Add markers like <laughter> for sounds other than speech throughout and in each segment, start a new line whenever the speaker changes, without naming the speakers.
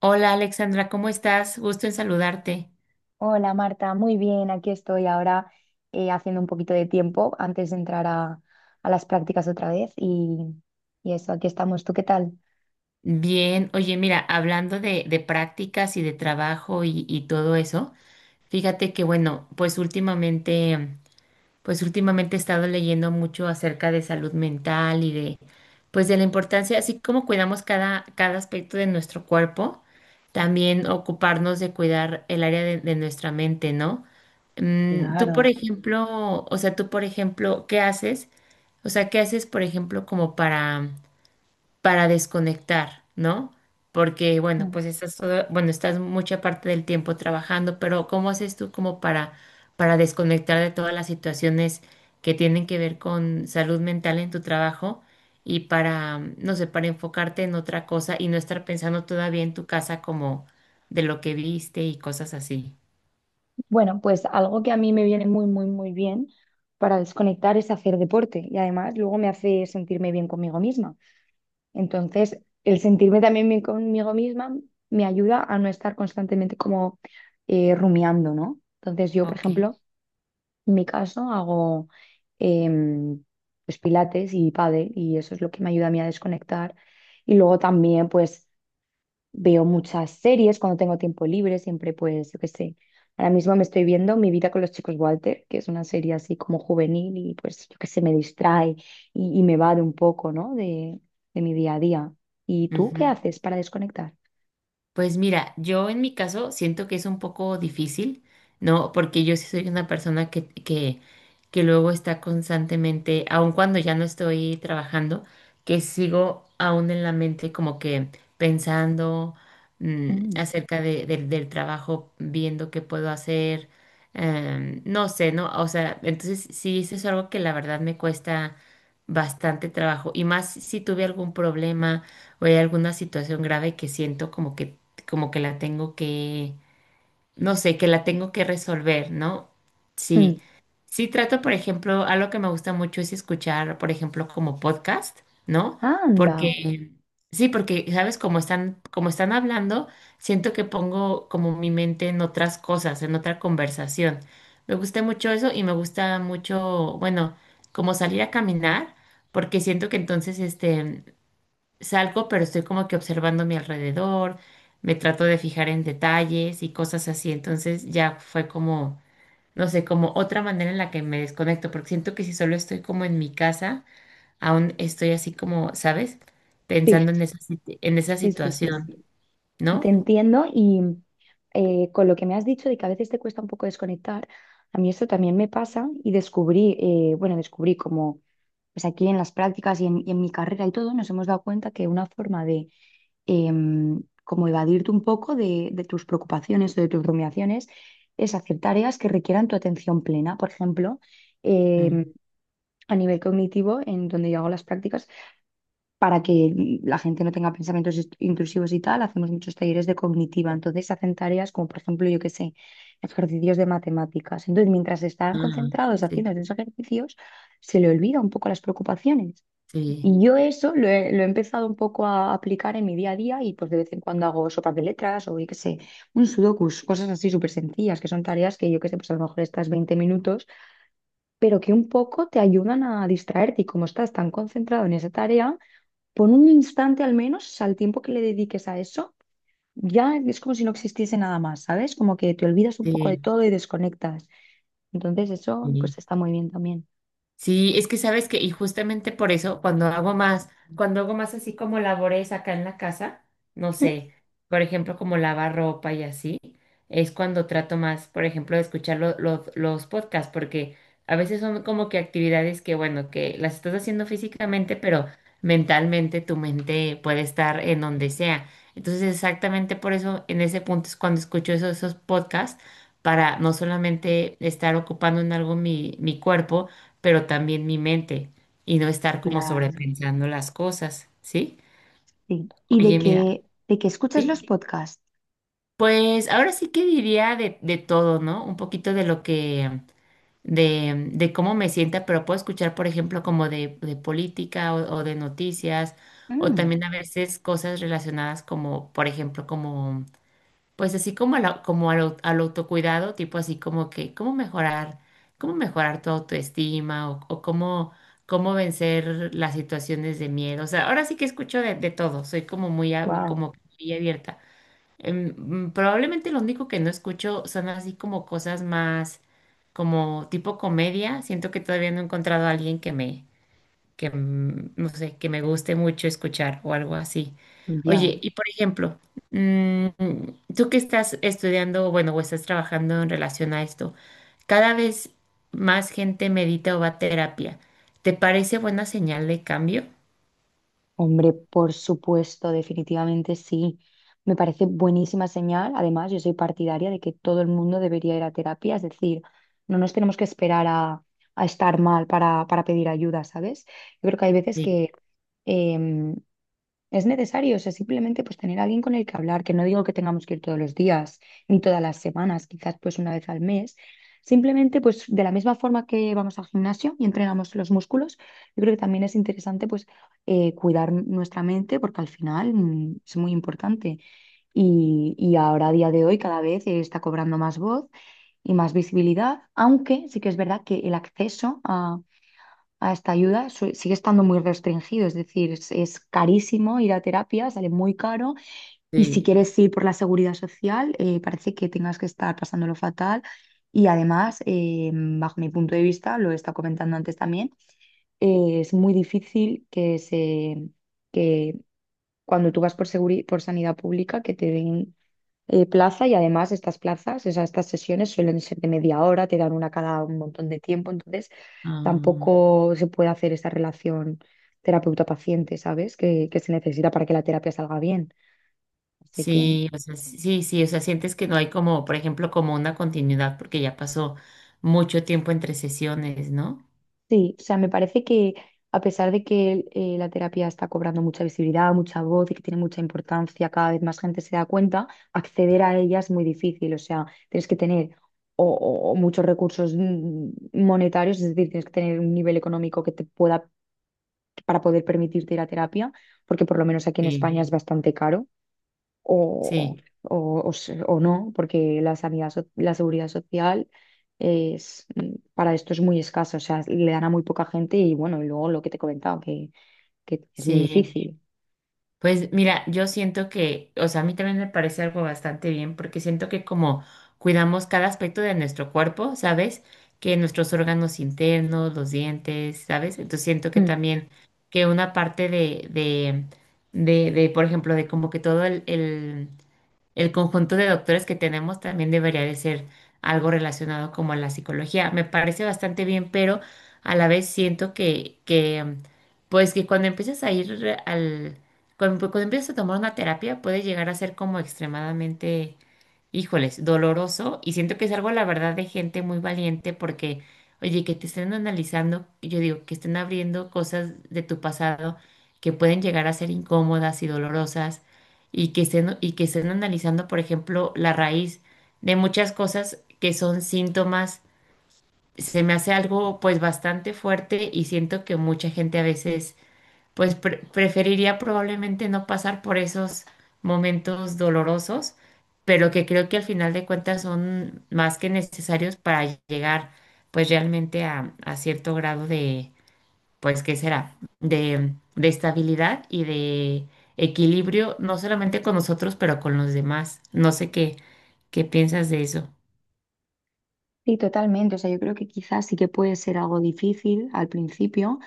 Hola Alexandra, ¿cómo estás? Gusto en saludarte.
Hola Marta, muy bien, aquí estoy ahora haciendo un poquito de tiempo antes de entrar a las prácticas otra vez y eso, aquí estamos. ¿Tú qué tal?
Bien, oye, mira, hablando de prácticas y de trabajo y todo eso, fíjate que bueno, pues últimamente he estado leyendo mucho acerca de salud mental y de pues de la importancia, así como cuidamos cada aspecto de nuestro cuerpo, también ocuparnos de cuidar el área de nuestra mente, ¿no? Tú,
Claro.
por ejemplo, o sea, tú, por ejemplo, ¿qué haces? O sea, ¿qué haces, por ejemplo, como para desconectar, ¿no? Porque, bueno,
Mm.
pues bueno, estás mucha parte del tiempo trabajando, pero ¿cómo haces tú como para desconectar de todas las situaciones que tienen que ver con salud mental en tu trabajo y para, no sé, para enfocarte en otra cosa y no estar pensando todavía en tu casa como de lo que viste y cosas así?
Bueno, pues algo que a mí me viene muy, muy, muy bien para desconectar es hacer deporte y además luego me hace sentirme bien conmigo misma. Entonces, el sentirme también bien conmigo misma me ayuda a no estar constantemente como rumiando, ¿no? Entonces, yo, por
Ok.
ejemplo, en mi caso hago em, pues pilates y pádel y eso es lo que me ayuda a mí a desconectar. Y luego también pues veo muchas series cuando tengo tiempo libre, siempre pues yo qué sé. Ahora mismo me estoy viendo Mi vida con los chicos Walter, que es una serie así como juvenil y pues yo qué sé, me distrae y me va de un poco, ¿no? De mi día a día. ¿Y tú qué haces para desconectar?
Pues mira, yo en mi caso siento que es un poco difícil, ¿no? Porque yo sí soy una persona que luego está constantemente, aun cuando ya no estoy trabajando, que sigo aún en la mente como que pensando
Mm.
acerca del del trabajo, viendo qué puedo hacer, no sé, ¿no? O sea, entonces sí, eso es algo que la verdad me cuesta bastante trabajo y más si tuve algún problema o hay alguna situación grave que siento como que la tengo que, no sé, que la tengo que resolver, ¿no? Sí,
Mm.
sí trato, por ejemplo, algo que me gusta mucho es escuchar, por ejemplo, como podcast, ¿no? Sí.
Anda.
Porque, sí, porque, ¿sabes? Como están hablando, siento que pongo como mi mente en otras cosas, en otra conversación. Me gusta mucho eso y me gusta mucho, bueno, como salir a caminar, porque siento que entonces, salgo, pero estoy como que observando mi alrededor, me trato de fijar en detalles y cosas así. Entonces ya fue como, no sé, como otra manera en la que me desconecto, porque siento que si solo estoy como en mi casa, aún estoy así como, ¿sabes?
Sí,
Pensando en en esa
sí, sí, sí,
situación,
sí. Te
¿no?
entiendo y, con lo que me has dicho de que a veces te cuesta un poco desconectar, a mí esto también me pasa y descubrí, bueno, descubrí como pues aquí en las prácticas y en mi carrera y todo, nos hemos dado cuenta que una forma de, como evadirte un poco de tus preocupaciones o de tus rumiaciones, es hacer tareas que requieran tu atención plena. Por ejemplo,
Mm,
em, a nivel cognitivo, en donde yo hago las prácticas, para que la gente no tenga pensamientos intrusivos y tal, hacemos muchos talleres de cognitiva. Entonces hacen tareas como, por ejemplo, yo qué sé, ejercicios de matemáticas. Entonces, mientras están
ajá,
concentrados
sí,
haciendo esos ejercicios, se le olvida un poco las preocupaciones.
sí,
Y yo eso lo he empezado un poco a aplicar en mi día a día y pues de vez en cuando hago sopas de letras o yo qué sé, un sudokus, cosas así súper sencillas, que son tareas que yo qué sé, pues a lo mejor estás 20 minutos, pero que un poco te ayudan a distraerte y, como estás tan concentrado en esa tarea por un instante al menos, al tiempo que le dediques a eso, ya es como si no existiese nada más, ¿sabes? Como que te olvidas un poco de
sí.
todo y desconectas. Entonces eso
sí.
pues está muy bien también.
Sí, es que sabes que, y justamente por eso, cuando hago más así como labores acá en la casa, no
¿Mm?
sé, por ejemplo, como lavar ropa y así, es cuando trato más, por ejemplo, de escuchar los podcasts, porque a veces son como que actividades que, bueno, que las estás haciendo físicamente, pero mentalmente tu mente puede estar en donde sea. Entonces, exactamente por eso, en ese punto es cuando escucho esos podcasts, para no solamente estar ocupando en algo mi cuerpo, pero también mi mente y no estar como
Claro,
sobrepensando las cosas, ¿sí?
sí. Y de
Oye, mira,
que, de que escuchas los
¿sí?
podcasts.
Pues ahora sí que diría de todo, ¿no? Un poquito de lo que, de cómo me sienta, pero puedo escuchar, por ejemplo, como de política o de noticias, o
Mm.
también a veces cosas relacionadas como, por ejemplo, como pues así como al autocuidado, tipo así como que cómo mejorar tu autoestima o cómo, cómo vencer las situaciones de miedo. O sea, ahora sí que escucho de todo, soy como muy,
Wow,
como muy abierta. Probablemente lo único que no escucho son así como cosas más como tipo comedia. Siento que todavía no he encontrado a alguien que me, que, mm, no sé, que me guste mucho escuchar o algo así.
ya.
Oye, y por ejemplo, mm, tú que estás estudiando, bueno, o estás trabajando en relación a esto, cada vez más gente medita o va a terapia. ¿Te parece buena señal de cambio?
Hombre, por supuesto, definitivamente sí. Me parece buenísima señal. Además, yo soy partidaria de que todo el mundo debería ir a terapia. Es decir, no nos tenemos que esperar a estar mal para pedir ayuda, ¿sabes? Yo creo que hay veces
Sí,
que, em, es necesario, o sea, simplemente pues tener a alguien con el que hablar, que no digo que tengamos que ir todos los días, ni todas las semanas, quizás pues una vez al mes. Simplemente pues de la misma forma que vamos al gimnasio y entrenamos los músculos, yo creo que también es interesante pues cuidar nuestra mente porque al final es muy importante. Y ahora a día de hoy cada vez está cobrando más voz y más visibilidad, aunque sí que es verdad que el acceso a esta ayuda sigue estando muy restringido. Es decir, es carísimo ir a terapia, sale muy caro, y si
sí.
quieres ir por la seguridad social, parece que tengas que estar pasándolo fatal. Y además, bajo mi punto de vista, lo he estado comentando antes también, es muy difícil que que cuando tú vas por por sanidad pública, que te den plaza. Y además estas plazas, o sea, estas sesiones suelen ser de media hora, te dan una cada un montón de tiempo. Entonces
Ah,
tampoco se puede hacer esa relación terapeuta-paciente, ¿sabes? Que se necesita para que la terapia salga bien. Así que...
sí, o sea, sí, sí, o sea, sientes que no hay como, por ejemplo, como una continuidad porque ya pasó mucho tiempo entre sesiones, ¿no?
Sí, o sea, me parece que a pesar de que, la terapia está cobrando mucha visibilidad, mucha voz y que tiene mucha importancia, cada vez más gente se da cuenta, acceder a ella es muy difícil. O sea, tienes que tener o muchos recursos, monetarios. Es decir, tienes que tener un nivel económico que te pueda, para poder permitirte ir a terapia, porque por lo menos aquí en
Sí,
España es bastante caro o,
sí,
o no, porque la sanidad, la seguridad social para esto es muy escasa, o sea, le dan a muy poca gente. Y bueno, y luego lo que te he comentado, que es muy
sí.
difícil.
Pues mira, yo siento que, o sea, a mí también me parece algo bastante bien porque siento que como cuidamos cada aspecto de nuestro cuerpo, ¿sabes? Que nuestros órganos internos, los dientes, ¿sabes? Entonces siento que
Mm.
también que una parte de, por ejemplo, de como que todo el conjunto de doctores que tenemos también debería de ser algo relacionado como a la psicología. Me parece bastante bien, pero a la vez siento que, pues que cuando, cuando empiezas a tomar una terapia, puede llegar a ser como extremadamente híjoles, doloroso y siento que es algo, la verdad, de gente muy valiente porque, oye, que te estén analizando, yo digo, que estén abriendo cosas de tu pasado que pueden llegar a ser incómodas y dolorosas y que estén analizando, por ejemplo, la raíz de muchas cosas que son síntomas, se me hace algo pues bastante fuerte y siento que mucha gente a veces pues preferiría probablemente no pasar por esos momentos dolorosos, pero que creo que al final de cuentas son más que necesarios para llegar pues realmente a cierto grado de, pues, ¿qué será? De estabilidad y de equilibrio, no solamente con nosotros, pero con los demás. No sé qué, qué piensas de eso.
Sí, totalmente. O sea, yo creo que quizás sí que puede ser algo difícil al principio,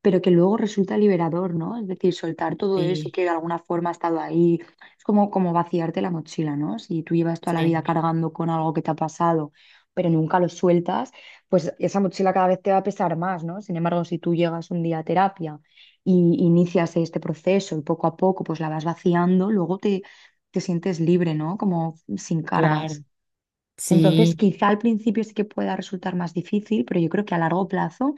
pero que luego resulta liberador, ¿no? Es decir, soltar todo eso
Sí,
que de alguna forma ha estado ahí, es como vaciarte la mochila, ¿no? Si tú llevas toda la
sí,
vida cargando con algo que te ha pasado, pero nunca lo sueltas, pues esa mochila cada vez te va a pesar más, ¿no? Sin embargo, si tú llegas un día a terapia y inicias este proceso y poco a poco pues la vas vaciando, luego te sientes libre, ¿no? Como sin cargas.
claro.
Entonces,
Sí.
quizá al principio sí que pueda resultar más difícil, pero yo creo que a largo plazo,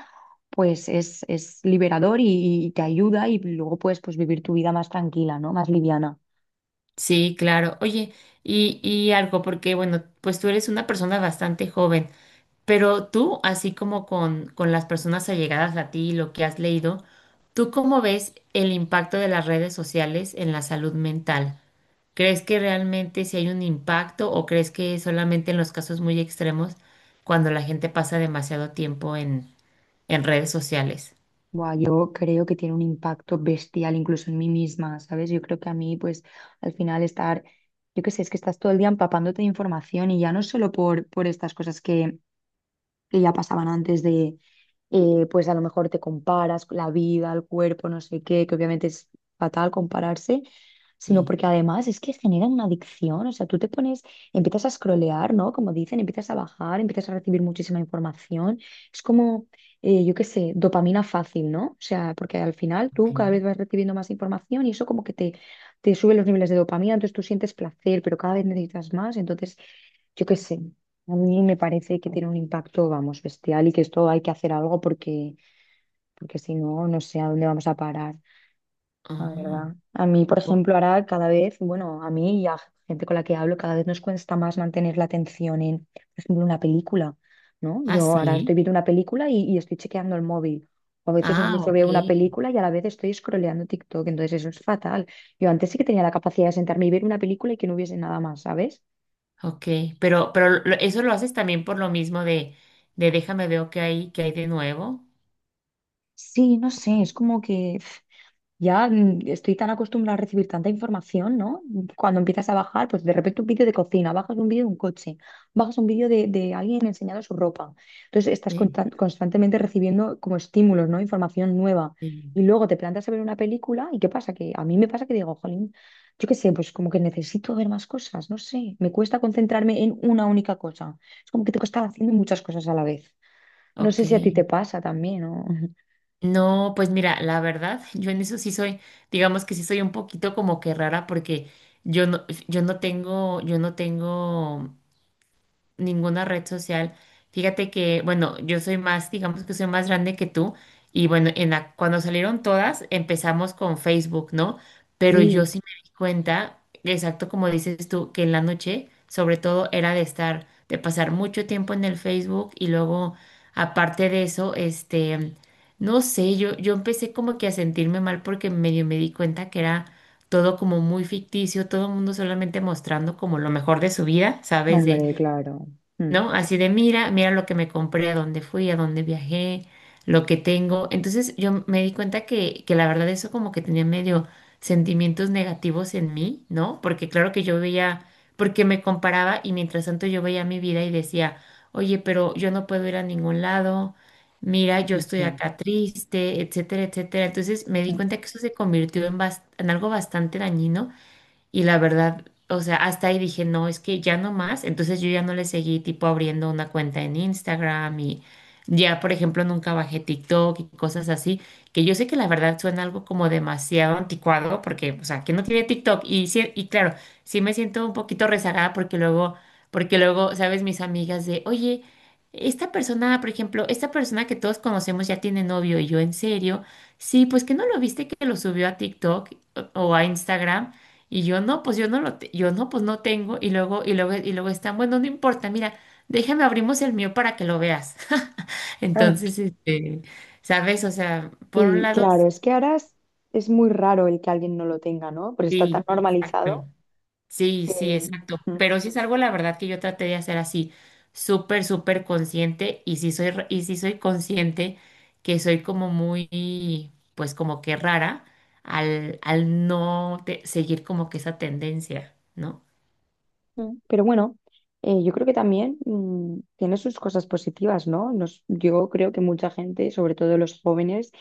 pues es liberador y te ayuda, y luego puedes pues vivir tu vida más tranquila, ¿no? Más liviana.
Sí, claro. Oye, y algo, porque bueno, pues tú eres una persona bastante joven, pero tú, así como con las personas allegadas a ti, y lo que has leído, ¿tú cómo ves el impacto de las redes sociales en la salud mental? ¿Crees que realmente si hay un impacto o crees que solamente en los casos muy extremos, cuando la gente pasa demasiado tiempo en redes sociales?
Buah, yo creo que tiene un impacto bestial incluso en mí misma, ¿sabes? Yo creo que a mí, pues al final estar, yo qué sé, es que estás todo el día empapándote de información, y ya no solo por estas cosas que ya pasaban antes de, pues a lo mejor te comparas con la vida, el cuerpo, no sé qué, que obviamente es fatal compararse, sino
Sí.
porque además es que genera una adicción. O sea, tú te pones, empiezas a scrollear, ¿no? Como dicen, empiezas a bajar, empiezas a recibir muchísima información, es como, yo qué sé, dopamina fácil, ¿no? O sea, porque al final
Ok.
tú cada vez vas recibiendo más información y eso como que te sube los niveles de dopamina, entonces tú sientes placer, pero cada vez necesitas más. Entonces yo qué sé, a mí me parece que tiene un impacto, vamos, bestial, y que esto hay que hacer algo porque, si no, no sé a dónde vamos a parar, la
Ah,
verdad. A mí, por
o-
ejemplo, ahora cada vez, bueno, a mí y a gente con la que hablo, cada vez nos cuesta más mantener la atención en, por ejemplo, una película, ¿no?
ah,
Yo ahora
sí.
estoy viendo una película y estoy chequeando el móvil. O a veces
Ah,
incluso
ok.
veo una película y a la vez estoy scrolleando TikTok, entonces eso es fatal. Yo antes sí que tenía la capacidad de sentarme y ver una película y que no hubiese nada más, ¿sabes?
Ok, pero eso lo haces también por lo mismo de déjame veo qué hay de nuevo.
Sí, no sé, es como que ya estoy tan acostumbrada a recibir tanta información, ¿no? Cuando empiezas a bajar, pues de repente un vídeo de cocina, bajas un vídeo de un coche, bajas un vídeo de alguien enseñando su ropa. Entonces estás
Sí,
constantemente recibiendo como estímulos, ¿no? Información nueva.
sí.
Y luego te plantas a ver una película y ¿qué pasa? Que a mí me pasa que digo, jolín, yo qué sé, pues como que necesito ver más cosas, no sé. Me cuesta concentrarme en una única cosa. Es como que tengo que estar haciendo muchas cosas a la vez. No
Ok.
sé si a ti te pasa también, ¿no? <laughs>
No, pues mira, la verdad, <laughs> yo en eso sí soy, digamos que sí soy un poquito como que rara porque yo no tengo ninguna red social. Fíjate que, bueno, yo soy más, digamos que soy más grande que tú. Y bueno, en la, cuando salieron todas, empezamos con Facebook, ¿no? Pero yo
Sí,
sí me di cuenta, exacto como dices tú, que en la noche, sobre todo, era de estar, de pasar mucho tiempo en el Facebook y luego, aparte de eso, no sé, yo empecé como que a sentirme mal porque medio me di cuenta que era todo como muy ficticio, todo el mundo solamente mostrando como lo mejor de su vida, ¿sabes? De
hombre, claro. Mm.
¿no? Así de, mira, mira lo que me compré, a dónde fui, a dónde viajé, lo que tengo. Entonces yo me di cuenta que la verdad eso como que tenía medio sentimientos negativos en mí, ¿no? Porque claro que yo veía, porque me comparaba y mientras tanto yo veía mi vida y decía, oye, pero yo no puedo ir a ningún lado, mira, yo estoy
Entiendo.
acá triste, etcétera, etcétera. Entonces me di cuenta que eso se convirtió en, en algo bastante dañino y la verdad, o sea, hasta ahí dije, no, es que ya no más. Entonces yo ya no le seguí tipo abriendo una cuenta en Instagram y ya, por ejemplo, nunca bajé TikTok y cosas así, que yo sé que la verdad suena algo como demasiado anticuado porque, o sea, que no tiene TikTok. Y claro, sí me siento un poquito rezagada porque luego, sabes, mis amigas de, oye, esta persona que todos conocemos ya tiene novio y yo en serio, sí, pues que no lo viste que lo subió a TikTok o a Instagram. Y yo no, pues yo no, pues no tengo. Y luego están, bueno, no importa, mira, déjame abrimos el mío para que lo veas. <laughs>
Ah,
Entonces, ¿sabes? O sea, por un
sí,
lado,
claro, es que ahora es, muy raro el que alguien no lo tenga, ¿no? Porque está tan
sí,
normalizado
exacto. Sí,
que...
sí, exacto.
Mm,
Pero sí es algo, la verdad, que yo traté de hacer así, súper, súper consciente. Y sí soy, y sí soy consciente que soy como muy, pues como que rara al no te- seguir como que esa tendencia, ¿no?
mm. Pero bueno, yo creo que también, tiene sus cosas positivas, ¿no? Yo creo que mucha gente, sobre todo los jóvenes,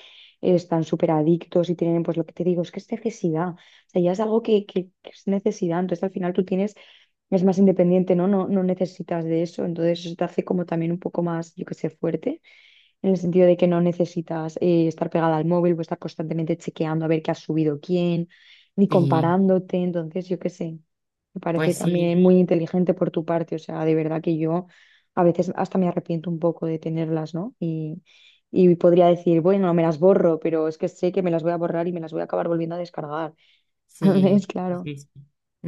están súper adictos y tienen, pues lo que te digo, es que es necesidad. O sea, ya es algo que es necesidad. Entonces al final tú tienes, es más independiente, ¿no? No, no necesitas de eso. Entonces eso te hace como también un poco más, yo qué sé, fuerte, en el sentido de que no necesitas, estar pegada al móvil o estar constantemente chequeando a ver qué ha subido quién, ni
Sí,
comparándote. Entonces, yo qué sé, me parece
pues
también
sí.
muy inteligente por tu parte. O sea, de verdad que yo a veces hasta me arrepiento un poco de tenerlas, ¿no? Y podría decir, bueno, me las borro, pero es que sé que me las voy a borrar y me las voy a acabar volviendo a descargar. <laughs>
Sí,
¿Ves?
sí,
Claro.
sí. sí.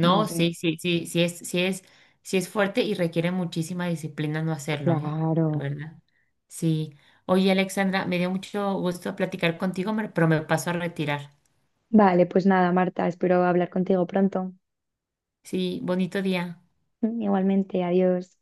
No sé.
sí, sí, sí, sí es fuerte y requiere muchísima disciplina no hacerlo, ¿eh? La
Claro.
verdad. Sí. Oye, Alexandra, me dio mucho gusto platicar contigo, pero me paso a retirar.
Vale, pues nada, Marta, espero hablar contigo pronto.
Sí, bonito día.
<laughs> Igualmente, adiós.